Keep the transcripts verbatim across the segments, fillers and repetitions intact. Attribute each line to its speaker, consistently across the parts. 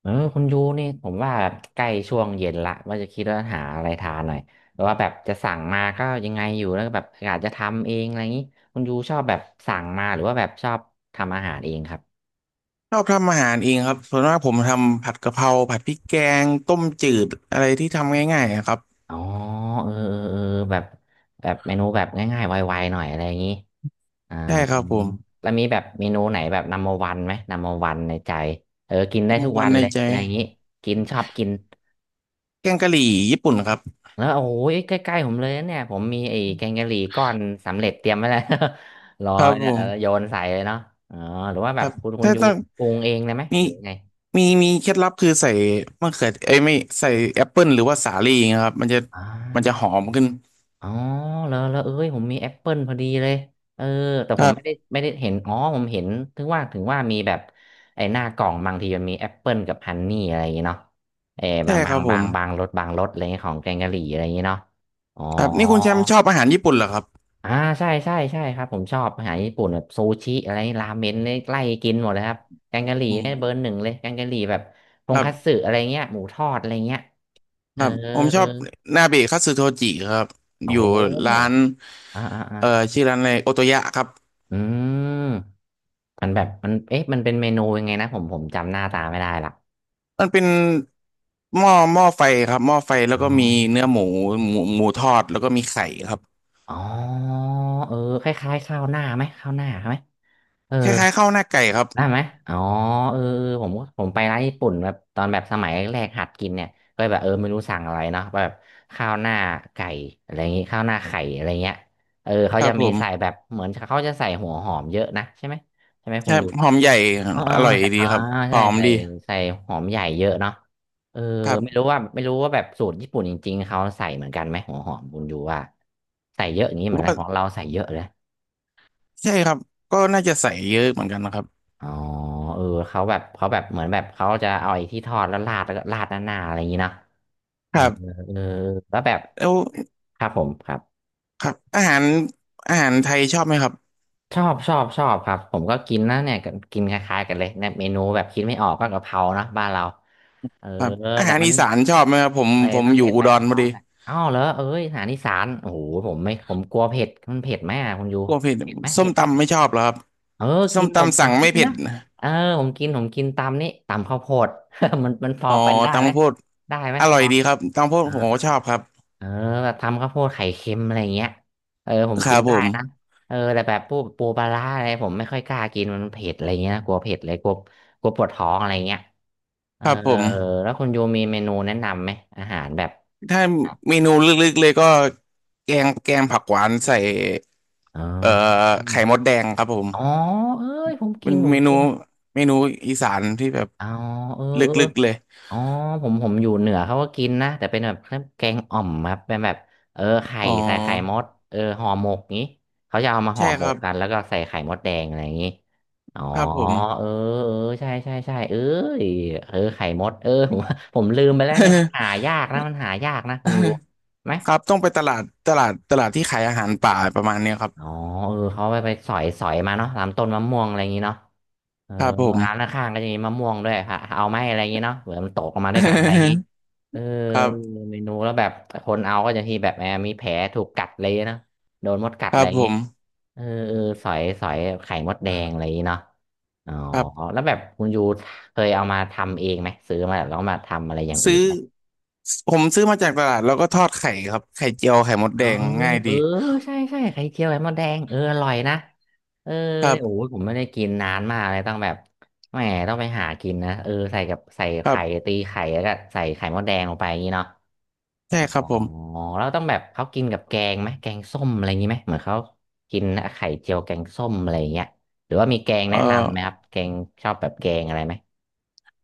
Speaker 1: เออคุณยูนี่ผมว่าใกล้ช่วงเย็นละว่าจะคิดว่าหาอะไรทานหน่อยแต่ว่าแบบจะสั่งมาก็ยังไงอยู่แล้วก็แบบอากจะทำเองอะไรอย่างนี้คุณยูชอบแบบสั่งมาหรือว่าแบบชอบทำอาหารเองครับ
Speaker 2: ชอบทำอาหารเองครับส่วนมากผมทำผัดกะเพราผัดพริกแกงต้มจืดอะไรที่ทำง่ายๆอะครับ
Speaker 1: อ๋อเออเออเออแบบแบบเมนูแบบง่ายๆไวๆหน่อยอะไรอย่างนี้อ่า
Speaker 2: ใช่ครับผม
Speaker 1: แล้วมีแบบเมนูไหนแบบนัมเบอร์วันไหมนัมเบอร์วันในใจเออกินได้
Speaker 2: มุ
Speaker 1: ทุ
Speaker 2: ก
Speaker 1: ก
Speaker 2: วั
Speaker 1: วั
Speaker 2: น
Speaker 1: น
Speaker 2: ใน
Speaker 1: เลย
Speaker 2: ใจ
Speaker 1: อะไรอย่างนี้กินชอบกิน
Speaker 2: แกงกะหรี่ญี่ปุ่นครับ
Speaker 1: แล้วโอ้ยใกล้ๆผมเลยนะเนี่ยผมมีไอ้แกงกะหรี่ก้อนสำเร็จเตรียมไว้แล้ว รอ
Speaker 2: ครับผ
Speaker 1: เนี่ยเอ
Speaker 2: ม
Speaker 1: อโยนใส่เลยเนาะอ๋อหรือว่า
Speaker 2: ค
Speaker 1: แบ
Speaker 2: รั
Speaker 1: บ
Speaker 2: บ
Speaker 1: คุณคุณ
Speaker 2: ถ้า
Speaker 1: ยู
Speaker 2: ต้อง
Speaker 1: ปรุงเองเลยไหม
Speaker 2: มี
Speaker 1: หรือไง
Speaker 2: มีมีเคล็ดลับคือใส่มะเขือเอ้ยไม่ใส่แอปเปิลหรือว่าสาลี่นะครับมันจะ
Speaker 1: อ๋
Speaker 2: มันจะห
Speaker 1: อ
Speaker 2: อมขึ้น
Speaker 1: อ๋อแล้วแล้วเอ้ยผมมีแอปเปิลพอดีเลยเออแต่
Speaker 2: ค
Speaker 1: ผ
Speaker 2: รั
Speaker 1: มไม่ได้
Speaker 2: บ
Speaker 1: ไม่ได้เห็นอ๋อผมเห็นถึงว่าถึงว่ามีแบบไอ้หน้ากล่องบางทีมันมีแอปเปิลกับฮันนี่อะไรอย่างเงี้เนาะเออ
Speaker 2: ใช่
Speaker 1: บาง
Speaker 2: ค
Speaker 1: บา
Speaker 2: รั
Speaker 1: ง
Speaker 2: บผ
Speaker 1: บา
Speaker 2: ม
Speaker 1: งบางรสบางรสอะไรเงี้ยของแกงกะหรี่อะไรอย่างเงี้เนาะอ๋อ
Speaker 2: ครับนี่คุณแชมป์ชอบอาหารญี่ปุ่นเหรอครับ
Speaker 1: อ่าใช่ใช่ใช่ครับผมชอบอาหารญี่ปุ่นแบบซูชิอะไรราเมนเนี่ยไล่กินหมดเลยครับแกงกะหรี่
Speaker 2: อื
Speaker 1: เนี่ยเบอร์
Speaker 2: ม
Speaker 1: หนึ่งเลยแกงกะหรี่แบบท
Speaker 2: ค
Speaker 1: ง
Speaker 2: รั
Speaker 1: คัตสึ
Speaker 2: บ
Speaker 1: อะไรเงี้ยหมูทอดอะไรเงี้ยเอ
Speaker 2: ค
Speaker 1: อ
Speaker 2: รับผมช
Speaker 1: เออ
Speaker 2: อบนาเบะคัตสึโทจิครับ
Speaker 1: โอ้
Speaker 2: อยู่
Speaker 1: โห
Speaker 2: ร้าน
Speaker 1: อ่าอ่าอ่า
Speaker 2: เอ่อชื่อร้านอะไรโอโตยะครับ
Speaker 1: อืมมันแบบมันเอ๊ะมันเป็นเมนูยังไงนะผมผมจำหน้าตาไม่ได้ละ
Speaker 2: มันเป็นหม้อหม้อไฟครับหม้อไฟแล้
Speaker 1: อ๋
Speaker 2: วก็มี
Speaker 1: อ
Speaker 2: เนื้อหมูหมูหมูทอดแล้วก็มีไข่ครับ
Speaker 1: อ๋อเออคล้ายๆข้าวหน้าไหมข้าวหน้าไหมเออ
Speaker 2: คล้ายๆข้าวหน้าไก่ครับ
Speaker 1: ได้ไหมอ๋อเออเออผมก็ผมไปร้านญี่ปุ่นแบบตอนแบบสมัยแรกหัดกินเนี่ยก็แบบเออไม่รู้สั่งอะไรเนาะแบบข้าวหน้าไก่อะไรอย่างงี้ข้าวหน้าไข่อะไรเงี้ยเออเขา
Speaker 2: ครั
Speaker 1: จะ
Speaker 2: บผ
Speaker 1: มีใส่
Speaker 2: ม
Speaker 1: แบบเหมือนเขาจะใส่หัวหอมเยอะนะใช่ไหมใช่ไหมคุ
Speaker 2: ใช่
Speaker 1: ณอยู่
Speaker 2: หอมใหญ่
Speaker 1: อ๋ออ๋อ
Speaker 2: อร่อย
Speaker 1: ใส่
Speaker 2: ดี
Speaker 1: อ่า
Speaker 2: ครับห
Speaker 1: ใช่
Speaker 2: อม
Speaker 1: ใส่
Speaker 2: ดี
Speaker 1: ใส่หอมใหญ่เยอะเนาะเออ
Speaker 2: ครั
Speaker 1: ไม่
Speaker 2: บ
Speaker 1: รู้ว่าไม่รู้ว่าแบบสูตรญี่ปุ่นจริงๆเขาใส่เหมือนกันไหมหัวหอมคุณอยู่ว่าใส่เยอะอย่างนี้
Speaker 2: ผ
Speaker 1: เห
Speaker 2: ม
Speaker 1: มือนกั
Speaker 2: ว่า
Speaker 1: นของเราใส่เยอะเลย
Speaker 2: ใช่ครับก็น่าจะใส่เยอะเหมือนกันนะครับ
Speaker 1: อ๋อเออเขาแบบเขาแบบ เหมือนแบบเขาจะเอาไอ้ที่ทอดแล้วราดแล้วก็ราดหน้าๆอะไรอย่างนี้เนาะเอ
Speaker 2: ค
Speaker 1: อ
Speaker 2: รับ
Speaker 1: เออแล้วแบบ
Speaker 2: แล้ว
Speaker 1: ครับผมครับ
Speaker 2: ครับอาหารอาหารไทยชอบไหมครับ
Speaker 1: ชอบชอบชอบครับผมก็กินนะเนี่ยก็กินคล้ายๆกันเลยเนี่ยเมนูแบบคิดไม่ออกก็กะเพราเนาะบ้านเราเออ
Speaker 2: ครับอา
Speaker 1: แต่
Speaker 2: หาร
Speaker 1: มัน
Speaker 2: อีสานชอบไหมครับผม
Speaker 1: เลย
Speaker 2: ผม
Speaker 1: ต้ม
Speaker 2: อยู่
Speaker 1: เด็ด
Speaker 2: อุ
Speaker 1: ใบ
Speaker 2: ดร
Speaker 1: กะเพ
Speaker 2: พอ
Speaker 1: รา
Speaker 2: ดี
Speaker 1: น่ะอ้าวเหรอเอ้ยอาหารอีสานโอ้โหผมไม่ผมกลัวเผ็ดมันเผ็ดไหมอะคุณยู
Speaker 2: กลัวเผ็ด
Speaker 1: เผ็ดไหม
Speaker 2: ส้
Speaker 1: เผ็
Speaker 2: ม
Speaker 1: ดไหม
Speaker 2: ตำไม่ชอบเหรอครับ
Speaker 1: เออ
Speaker 2: ส้
Speaker 1: กิ
Speaker 2: ม
Speaker 1: นผม
Speaker 2: ตำ
Speaker 1: ผ
Speaker 2: สั่
Speaker 1: ม
Speaker 2: ง
Speaker 1: กิ
Speaker 2: ไม่
Speaker 1: น
Speaker 2: เผ็
Speaker 1: นะ
Speaker 2: ด
Speaker 1: เออผมกินผมกินตำนี่ตำข้าวโพด มันมันพอ
Speaker 2: อ๋อ
Speaker 1: เป็นได้
Speaker 2: ตำ
Speaker 1: ไหม
Speaker 2: ข้าวโพด
Speaker 1: ได้ไหม
Speaker 2: อ
Speaker 1: พ
Speaker 2: ร่อย
Speaker 1: อ
Speaker 2: ดีครับตำข้าวโพดผมก็
Speaker 1: อ่า
Speaker 2: ชอบครับ
Speaker 1: เออแบบทำข้าวโพดไข่เค็มอะไรอย่างเงี้ยเออผม
Speaker 2: ครั
Speaker 1: กิน
Speaker 2: บผ
Speaker 1: ได้
Speaker 2: ม
Speaker 1: นะเออแต่แบบพวกปูปลาร้าอะไรผมไม่ค่อยกล้ากินมันเผ็ดอะไรเงี้ยนะกลัวเผ็ดเลยกลัวกลัวปวดท้องอะไรเงี้ยเอ
Speaker 2: ค
Speaker 1: อ
Speaker 2: รับผม
Speaker 1: แล้วคุณโยมีเมนูแนะนำไหมอาหารแบบ
Speaker 2: ถ้าเมนูลึกๆเลยก็แกงแกงผักหวานใส่
Speaker 1: อ๋
Speaker 2: เอ่อ
Speaker 1: อ
Speaker 2: ไข่มดแดงครับผม
Speaker 1: อ๋อเอ้ยผมกิ
Speaker 2: เป็น
Speaker 1: นผม
Speaker 2: เมนู
Speaker 1: กิน
Speaker 2: เมนูอีสานที่แบบ
Speaker 1: อ๋อเออ
Speaker 2: ล
Speaker 1: เออ
Speaker 2: ึกๆเลย
Speaker 1: อ๋อผมผมอยู่เหนือเขาก็กินนะแต่เป็นแบบแกงอ่อมครับเป็นแบบเออไข่
Speaker 2: อ๋
Speaker 1: ใส่ไข่ม
Speaker 2: อ
Speaker 1: ดเออห่อหมกงี้เขาจะเอามาห่
Speaker 2: ใช่
Speaker 1: อหม
Speaker 2: ครั
Speaker 1: ก
Speaker 2: บ
Speaker 1: กันแล้วก็ใส่ไข่มดแดงอะไรอย่างงี้อ๋อ
Speaker 2: ครับผม
Speaker 1: เออเออใช่ใช่ใช่เออเออไข่มดเออ ผมผมลืมไปแล้วเนี่ยมันหายากนะมันหายากนะคุ ณยูไหม
Speaker 2: ครับต้องไปตลาดตลาดตลาดที่ขายอาหารป่าประมาณเนี้ยครับ
Speaker 1: อ๋อเออเขาไปไปสอยสอยมาเนาะตามต้นมะม่วงอะไรอย่างงี้เนาะ เออ
Speaker 2: ครับผม
Speaker 1: ร้านข้างๆก็จะมีมะม่วงด้วยค่ะเอาไหมอะไรอย่างงี้เนาะเหมือนมันตกลงมาด้วยกันอะไรอย่างงี้ เออ
Speaker 2: ครับ
Speaker 1: เมนูแล้วแบบคนเอาก็จะที่แบบแอมมีแผลถูกกัดเลยนะโดนมดกัด
Speaker 2: ค
Speaker 1: อะ
Speaker 2: รั
Speaker 1: ไร
Speaker 2: บ
Speaker 1: อย่า
Speaker 2: ผ
Speaker 1: งงี้
Speaker 2: ม
Speaker 1: เออเออสอยสอยไข่มดแดงอะไรอย่างงี้เนาะอ๋อ
Speaker 2: ครับ
Speaker 1: แล้วแบบคุณยูเคยเอามาทำเองไหมซื้อมาแล้วก็มาทำอะไรอย่างอื่น
Speaker 2: ซื้อผมซื้อมาจากตลาดแล้วก็ทอดไข่ครับไข่เจียวไข่มด
Speaker 1: อ๋
Speaker 2: แด
Speaker 1: อ
Speaker 2: งง่าย
Speaker 1: เอ
Speaker 2: ดี
Speaker 1: อใช่ใช่ไข่เจียวไข่มดแดงเอออร่อยนะเออ
Speaker 2: ครั
Speaker 1: เนี่ยโอ้
Speaker 2: บ
Speaker 1: ยผมไม่ได้กินนานมากเลยต้องแบบแหมต้องไปหากินนะเออใส่กับใส่
Speaker 2: ครั
Speaker 1: ไข่
Speaker 2: บ
Speaker 1: ตีไข่แล้วก็ใส่ไข่มดแดงลงไปอย่างนี้เนาะ
Speaker 2: ใช่
Speaker 1: อ๋อ
Speaker 2: ครับผม
Speaker 1: แล้วต้องแบบเขากินกับแกงไหมแกงส้มอะไรอย่างนี้ไหมเหมือนเขากินไข่เจียวแกงส้มอะไรอย่างเงี้ยหรือว่ามีแกง
Speaker 2: เอ่อ
Speaker 1: แนะนำไหมครับแกงชอบแบบแกงอะไรไหม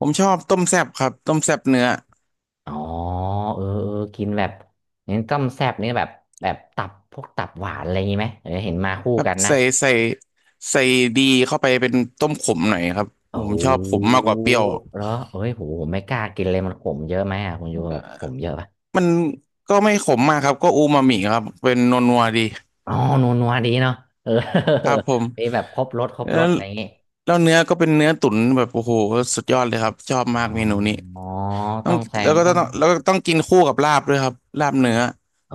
Speaker 2: ผมชอบต้มแซ่บครับต้มแซ่บเนื้อ
Speaker 1: อ๋อเออเออกินแบบเน้นต้มแซ่บนี่แบบแบบตับพวกตับหวานอะไรอย่างนี้ไหมเออเห็นมาคู่
Speaker 2: ครับ
Speaker 1: กันนะ
Speaker 2: ใส่ใส่ใส่ดีเข้าไปเป็นต้มขมหน่อยครับ
Speaker 1: โอ้
Speaker 2: ผ
Speaker 1: โห
Speaker 2: มชอบขมมากกว่าเปรี้ยว
Speaker 1: แล้วเอ้ยผมผมไม่กล้ากินเลยมันขมเยอะไหมอ่ะคุณยูแบบขมเยอะปะ
Speaker 2: มันก็ไม่ขมมากครับก็อูมามิครับเป็นนัวๆดี
Speaker 1: อ๋อนัวนัวดีเนาะเออ
Speaker 2: ครับผม
Speaker 1: มีแบบครบรสครบ
Speaker 2: แล้
Speaker 1: รส
Speaker 2: ว
Speaker 1: อะไรอย่างงี้
Speaker 2: แล้วเนื้อก็เป็นเนื้อตุ๋นแบบโอ้โหสุดยอดเลยครับชอบมา
Speaker 1: อ๋
Speaker 2: ก
Speaker 1: อ
Speaker 2: เมนูนี้
Speaker 1: อ๋อ
Speaker 2: ต้อ
Speaker 1: ต้
Speaker 2: ง
Speaker 1: องแซ
Speaker 2: แล้
Speaker 1: ง
Speaker 2: วก็
Speaker 1: ต้อง
Speaker 2: ต้องแล้วก็ต้องกินคู่กับลาบด้วยครับลาบเนื้อ
Speaker 1: โอ้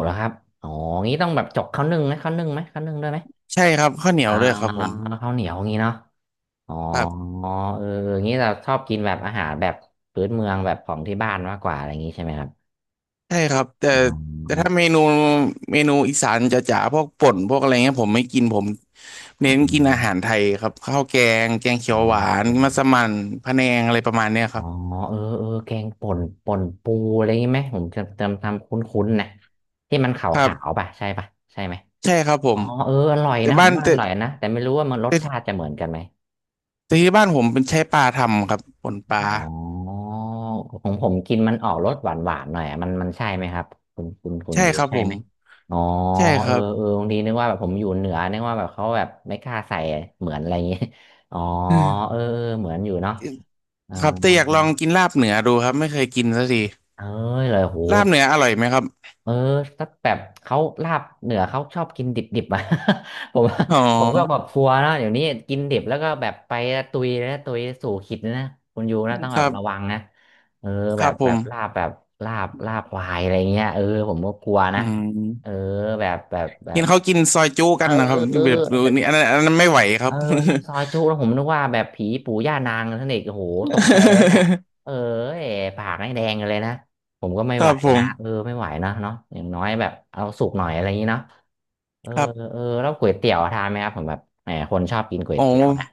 Speaker 1: เหรอครับอ๋องี้ต้องแบบจกข้าวนึ่งไหมข้าวนึ่งไหมข้าวนึ่งด้วยไหม
Speaker 2: ใช่ครับข้าวเหนีย
Speaker 1: อ่า
Speaker 2: วด้วยครับผม
Speaker 1: ข้าวเหนียวงี้เนาะอ๋อ
Speaker 2: ครับ
Speaker 1: เอองี้เราชอบกินแบบอาหารแบบพื้นเมืองแบบของที่บ้านมากกว่าอะไรอย่างงี้ใช่ไหมครับ
Speaker 2: ใช่ครับแต่
Speaker 1: อ๋
Speaker 2: แต่
Speaker 1: อ
Speaker 2: ถ้าเมนูเมนูอีสานจ๋าๆพวกป่นพวกอะไรเงี้ยผมไม่กินผม
Speaker 1: อ๋อ
Speaker 2: เน้นกินอาหารไทยครับข้าวแกงแกงเขี
Speaker 1: อ๋อ
Speaker 2: ยวหวานมัสมั่นพะแนงอะไรประมาณเนี้ย
Speaker 1: อ๋
Speaker 2: ค
Speaker 1: อ
Speaker 2: รับ
Speaker 1: เออเออแกงป่นป่นปูอะไรงี้ไหมผมจะจำทำคุ้นๆนะที่มันข
Speaker 2: ครั
Speaker 1: าว
Speaker 2: บ
Speaker 1: ๆป่ะใช่ป่ะใช่ไหม
Speaker 2: ใช่ครับผ
Speaker 1: อ๋
Speaker 2: ม
Speaker 1: อเอออร่อย
Speaker 2: แต่
Speaker 1: นะผ
Speaker 2: บ้า
Speaker 1: ม
Speaker 2: น
Speaker 1: ว่าอ
Speaker 2: แต่
Speaker 1: ร่อยนะแต่ไม่รู้ว่ามันรส
Speaker 2: แต่
Speaker 1: ชาติจะเหมือนกันไหม
Speaker 2: แต่ที่บ้านผมเป็นใช้ปลาทำครับป่นปลา
Speaker 1: อ๋อของผมกินมันออกรสหวานๆหน่อยอะมันมันใช่ไหมครับคุณคุณคุณ
Speaker 2: ใช่
Speaker 1: อยู่
Speaker 2: ครับ
Speaker 1: ใช่
Speaker 2: ผ
Speaker 1: ไห
Speaker 2: ม
Speaker 1: มอ๋อ
Speaker 2: ใช่ค
Speaker 1: เออ
Speaker 2: รับ
Speaker 1: เออบางทีนึกว่าแบบผมอยู่เหนือนึกว่าแบบเขาแบบไม่กล้าใส่เหมือนอะไรอย่างงี้ อ๋อเออเออเหมือนอยู่เนาะอ๋อ
Speaker 2: ครับแต่อยากลองกินลาบเหนือดูครับไม่เคยกินสักที
Speaker 1: เอ้ยเลยโห
Speaker 2: ลาบเนื้ออร่อยไหมครับ
Speaker 1: เออสักแบบเขาลาบเหนือเขาชอบกินดิบๆอ่ะ ผม
Speaker 2: อ๋อ
Speaker 1: ผมก็แบบกลัวนะเดี๋ยวนี้กินดิบแล้วก็แบบไปตุยนะตุยสู่ขิดนะคุณยูนะต้อง
Speaker 2: ค
Speaker 1: แบ
Speaker 2: รั
Speaker 1: บระวั
Speaker 2: บ
Speaker 1: งนะเออ
Speaker 2: ค
Speaker 1: แบ
Speaker 2: รั
Speaker 1: บ
Speaker 2: บผ
Speaker 1: แบบ
Speaker 2: ม
Speaker 1: ลาบแบบลาบลาบควายอะไรเงี้ยเออผมก็กลัว
Speaker 2: อื
Speaker 1: นะเออ
Speaker 2: ม
Speaker 1: แบบแบบแบ
Speaker 2: เห็
Speaker 1: บ
Speaker 2: นเขากินซอยจุ
Speaker 1: เอ
Speaker 2: กัน
Speaker 1: อ
Speaker 2: นะครับ
Speaker 1: เออ
Speaker 2: แบบนี่อันนั้นอันนั้นไม่ไหวค
Speaker 1: เอ
Speaker 2: รั
Speaker 1: อ
Speaker 2: บ
Speaker 1: น้ำซอยจุแล้วผมนึกว่าแบบผีปู่ย่านางท่านเอกโอ้โหตกใจแล้วเนี่ย เออเอ๋ปากให้แดงกันเลยนะ ผมก็ไม่
Speaker 2: ค
Speaker 1: ไห
Speaker 2: รั
Speaker 1: ว
Speaker 2: บผ
Speaker 1: นะ
Speaker 2: ม
Speaker 1: เออไม่ไหวนะเนาะอย่างน้อยแบบเอาสุกหน่อยอะไรอย่างนี้เนาะเออ
Speaker 2: ครับ
Speaker 1: เออแล้วก๋วยเตี๋ยวทานไหมครับผมแบบแหมคนชอบกินก๋วย
Speaker 2: โอ้
Speaker 1: เตี๋ยวนะ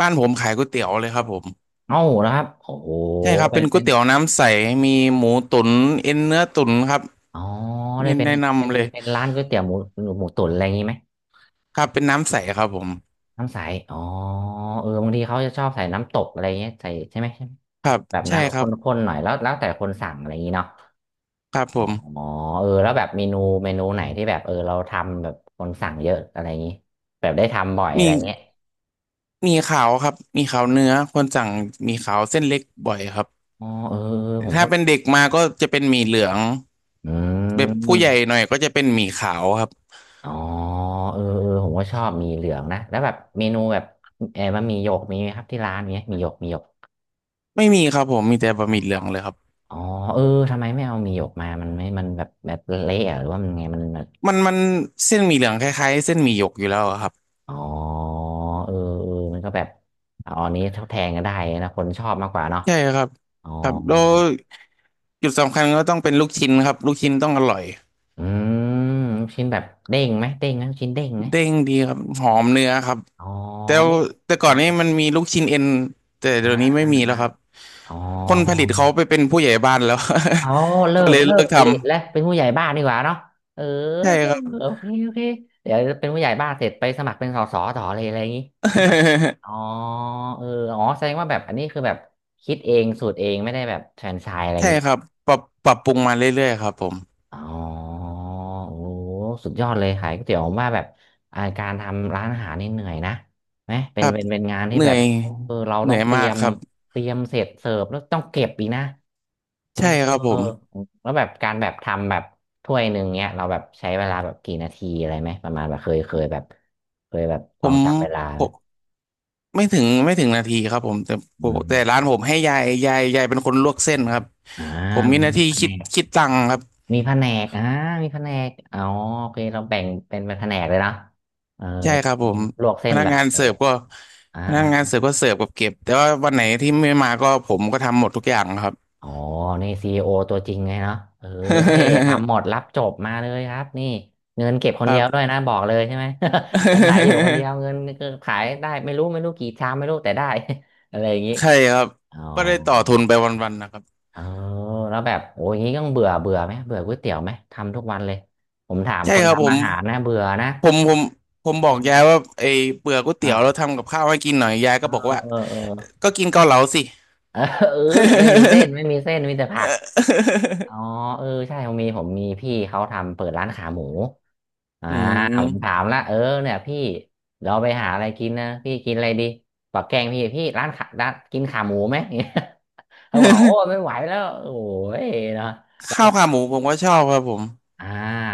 Speaker 2: บ้านผมขายก๋วยเตี๋ยวเลยครับผม
Speaker 1: เอ้านะครับโอ้โห
Speaker 2: ใช่ครับ
Speaker 1: เป็
Speaker 2: เป็
Speaker 1: น
Speaker 2: นก๋
Speaker 1: เป็
Speaker 2: วย
Speaker 1: น
Speaker 2: เตี๋ยวน้ำใสมีหมูตุ๋นเอ็นเนื้อตุ๋นครับ
Speaker 1: อ๋อได้
Speaker 2: นี่
Speaker 1: เป็น
Speaker 2: แนะ
Speaker 1: เป็น
Speaker 2: นำเลย
Speaker 1: เป็นร้านก๋วยเตี๋ยวหมูหมูตุ๋นอะไรอย่างนี้ไหม
Speaker 2: ครับเป็นน้ำใสครับผม
Speaker 1: น้ำใสอ๋อเออบางทีเขาจะชอบใส่น้ำตกอะไรอย่างเงี้ยใส่ใช่ไหมใช่ไหม
Speaker 2: ครับ
Speaker 1: แบบ
Speaker 2: ใช่
Speaker 1: น้ำแบบ
Speaker 2: ค
Speaker 1: ข
Speaker 2: รับ
Speaker 1: ้นๆหน่อยแล้วแล้วแต่คนสั่งอะไรอย่างนี้เนาะ
Speaker 2: ครับผ
Speaker 1: อ๋อ
Speaker 2: ม
Speaker 1: เออแล้วแบบเมนูเมนูไหนที่แบบเออเราทำแบบคนสั่งเยอะอะไรอย่างงี้แบบได้ทำบ่อยอะ
Speaker 2: มี
Speaker 1: ไรเงี้ย
Speaker 2: มีขาวครับมีขาวเนื้อคนสั่งมีขาวเส้นเล็กบ่อยครับ
Speaker 1: อ๋อเออเออผม
Speaker 2: ถ้า
Speaker 1: ก็
Speaker 2: เป็นเด็กมาก็จะเป็นหมี่เหลือง
Speaker 1: อื
Speaker 2: แบบผู้ใหญ่
Speaker 1: ม
Speaker 2: หน่อยก็จะเป็นหมี่ขาวครับ
Speaker 1: อ๋อเออเออผมก็ชอบหมีเหลืองนะแล้วแบบเมนูแบบเออมันหมีหยกมีไหมครับที่ร้านเนี้ยหมีหยกหมีหยก
Speaker 2: ไม่มีครับผมมีแต่บะ
Speaker 1: อ๋
Speaker 2: ห
Speaker 1: อ
Speaker 2: มี่เหลืองเลยครับ
Speaker 1: อ๋อเออทำไมไม่เอาหมีหยกมามันไม่มันแบบแบบเละอะหรือว่ามันไงมันแบบ
Speaker 2: มันมันเส้นหมี่เหลืองคล้ายๆเส้นหมี่หยกอยู่แล้วอะครับ
Speaker 1: อ๋อเออเออมันก็แบบเอาอันนี้ทดแทนก็ได้นะคนชอบมากกว่าเนาะ
Speaker 2: ใช่ครับ
Speaker 1: อ๋อ
Speaker 2: ครับแล้วจุดสำคัญก็ต้องเป็นลูกชิ้นครับลูกชิ้นต้องอร่อย
Speaker 1: อืมลูกชิ้นแบบเด้งไหมเด้งนะลูกชิ้นเด้งไหม
Speaker 2: เด้งดีครับหอมเนื้อครับ
Speaker 1: อ๋อ
Speaker 2: แต่
Speaker 1: เนี่ย
Speaker 2: แต่ก่อนนี้มันมีลูกชิ้นเอ็นแต่
Speaker 1: อ่า
Speaker 2: เดี๋ยวนี้ไม่
Speaker 1: อ่า
Speaker 2: มีแล้
Speaker 1: อ่า
Speaker 2: วครับ
Speaker 1: อ๋อ
Speaker 2: คนผลิตเขาไปเป็นผู้ใหญ่บ้านแล้ว
Speaker 1: อ๋อา เลิ
Speaker 2: ก็
Speaker 1: ก
Speaker 2: เลย
Speaker 1: เลิ
Speaker 2: เลิ
Speaker 1: ก
Speaker 2: ก
Speaker 1: ผ
Speaker 2: ท
Speaker 1: ลิตแล้วเป็นผู้ใหญ่บ้านดีกว่าเนาะเออ
Speaker 2: ำใช่ครับ
Speaker 1: โอเคโอเคเดี๋ยวเป็นผู้ใหญ่บ้านเสร็จไปสมัครเป็นสสต่อเลยอะไรอย่างงี้ อ๋อเอออ๋อแสดงว่าแบบอันนี้คือแบบคิดเองสูตรเองไม่ได้แบบแฟรนไชส์อะไรอย่า
Speaker 2: ใช่
Speaker 1: งงี้
Speaker 2: ครับปรับปรับปรุงมาเรื่อยๆครับผม
Speaker 1: อ๋อโอ้โหสุดยอดเลยขายก๋วยเตี๋ยวผมว่าแบบอ่าการทำร้านอาหารนี่เหนื่อยนะไหมเป็
Speaker 2: ค
Speaker 1: น
Speaker 2: รับ
Speaker 1: เป็นเป็นงานที่
Speaker 2: เหนื่
Speaker 1: แบ
Speaker 2: อ
Speaker 1: บ
Speaker 2: ย
Speaker 1: เออเรา
Speaker 2: เห
Speaker 1: ต้อ
Speaker 2: นื่อ
Speaker 1: ง
Speaker 2: ย
Speaker 1: เตรี
Speaker 2: มา
Speaker 1: ย
Speaker 2: ก
Speaker 1: ม
Speaker 2: ครับ
Speaker 1: เตรียมเสร็จเสิร์ฟแล้วต้องเก็บอีกนะเออ
Speaker 2: ใช่ครับผม
Speaker 1: แล้วแบบการแบบทำแบบถ้วยหนึ่งเนี้ยเราแบบใช้เวลาแบบกี่นาทีอะไรไหม ประมาณแบบเคยเคยแบบเคยแบบ
Speaker 2: ผ
Speaker 1: ลอง
Speaker 2: ม
Speaker 1: จับเวลา
Speaker 2: ผ
Speaker 1: ไหม
Speaker 2: มไม่ถึงไม่ถึงนาทีครับผมแต่
Speaker 1: อื
Speaker 2: ผม
Speaker 1: ม
Speaker 2: แต่ร้านผมให้ยายยายยายเป็นคนลวกเส้นครับ
Speaker 1: อ่า
Speaker 2: ผมมี
Speaker 1: มี
Speaker 2: หน้าที่
Speaker 1: คะแน
Speaker 2: คิด
Speaker 1: น
Speaker 2: คิดตังค์ครับ
Speaker 1: มีแผนกอ่ามีแผนกอ๋อโอเคเราแบ่งเป็นเป็นแผนกเลยนะเออ
Speaker 2: ใช่ครับผม
Speaker 1: ลวกเส้
Speaker 2: พ
Speaker 1: น
Speaker 2: นัก
Speaker 1: แบบ
Speaker 2: งาน
Speaker 1: โอ้
Speaker 2: เสิร์ฟก็
Speaker 1: อ่า
Speaker 2: พนั
Speaker 1: อ่า
Speaker 2: กงานเสิร์ฟก็เสิร์ฟกับเก็บแต่ว่าวันไหนที่ไม่มาก็ผมก็ทำหมดทุกอย่างครับ
Speaker 1: อ๋อนี่ซีอีโอตัวจริงไงเนาะเออทำหมดรับจบมาเลยครับนี่เงินเก็บค
Speaker 2: ค
Speaker 1: นเดี
Speaker 2: รั
Speaker 1: ย
Speaker 2: บ
Speaker 1: วด้วยนะบอกเลยใช่ไหม วันไหนอยู่คนเดีย วเงินก็ขายได้ไม่รู้ไม่รู้กี่ชามไม่รู้แต่ได้ อะไรอย่างนี้
Speaker 2: ใช่ครับ
Speaker 1: อ๋อ
Speaker 2: ก็ได้ต่อทุนไปวันๆนะครับ
Speaker 1: เออแล้วแบบโอ้ยอย่างนี้ต้องเบื่อเบื่อไหมเบื่อก๋วยเตี๋ยวไหม ทำทุกวันเลย ผมถาม
Speaker 2: ใช่
Speaker 1: คน
Speaker 2: ครับผ
Speaker 1: ทำอา
Speaker 2: ม
Speaker 1: หารนะเบื่อนะ
Speaker 2: ผมผมผมบอกยายว่าไอ้เปลือกก๋วยเตี๋ยวเรา
Speaker 1: อ่า
Speaker 2: ทำกับข้าวให้กินหน่อยยาย
Speaker 1: เอ
Speaker 2: ก็บอก
Speaker 1: อ
Speaker 2: ว่า
Speaker 1: เออ
Speaker 2: ก็กินเกาเหลาสิ
Speaker 1: เออเออเออไม่มีเส้นไม่มีเส้นมีแต่ผักอ๋อเออใช่ผมมีผมมีพี่เขาทำเปิดร้านขาหมูอ่า
Speaker 2: อื
Speaker 1: ผม
Speaker 2: ม
Speaker 1: ถามละเออเนี่ยพี่เราไปหาอะไรกินนะพี่กินอะไรดีบอกแกงพี่พี่ร้านขาร้านกินขาหมูไหม เขาบอกโอ้ไม่ไหวแล้วโอ้ยเนาะ
Speaker 2: ข้าวขาหมูผมก็ชอบครับผม
Speaker 1: อ่า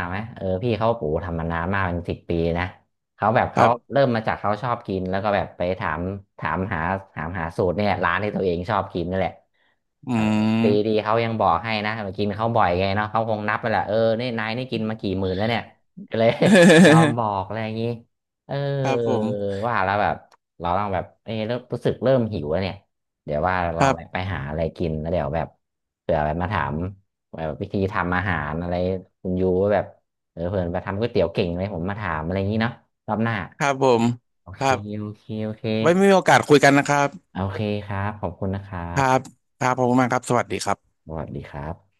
Speaker 1: ไหมเออพี่เขาปู่ทำมานานมากเป็นสิบปีนะเขาแบบ
Speaker 2: ค
Speaker 1: เขา
Speaker 2: รับ
Speaker 1: เริ่มมาจากเขาชอบกินแล้วก็แบบไปถามถามหาถามหาสูตรเนี่ยร้านที่ตัวเองชอบกินนั่นแหละ
Speaker 2: อื
Speaker 1: เออดีดี
Speaker 2: ม
Speaker 1: เขายังบอกให้นะมากินเขาบ่อยไงเนาะเขาคงนับไปแหละเออนี่นายนี่กินมากี่หมื่นแล้วเนี่ยก็เลย ยอม บอกอะไรอย่างนี้เออ
Speaker 2: ครับผม
Speaker 1: ว่าแล้วแบบเราลองแบบเออเริ่มรู้สึกเริ่มหิวแล้วเนี่ยเดี๋ยวว่าล
Speaker 2: ค
Speaker 1: อง
Speaker 2: รั
Speaker 1: ไปไป
Speaker 2: บ
Speaker 1: หาอะไรกินแล้วเดี๋ยวแบบเผื่อแบบมาถาม แบบวิธีทำอาหารอะไรคุณยูว่าแบบเออเผื่อไปทำก๋วยเตี๋ยวเก่งเลยผมมาถามอะไรอย่างนี้เนาะรอบหน้า
Speaker 2: ครับผม
Speaker 1: โอ
Speaker 2: ค
Speaker 1: เค
Speaker 2: รับ
Speaker 1: โอเคโอเค
Speaker 2: ไว้มีโอกาสคุยกันนะครับ
Speaker 1: โอเคครับขอบคุณนะครั
Speaker 2: ครับ
Speaker 1: บ
Speaker 2: ครับผมมากครับสวัสดีครับ
Speaker 1: สวัสดีครับ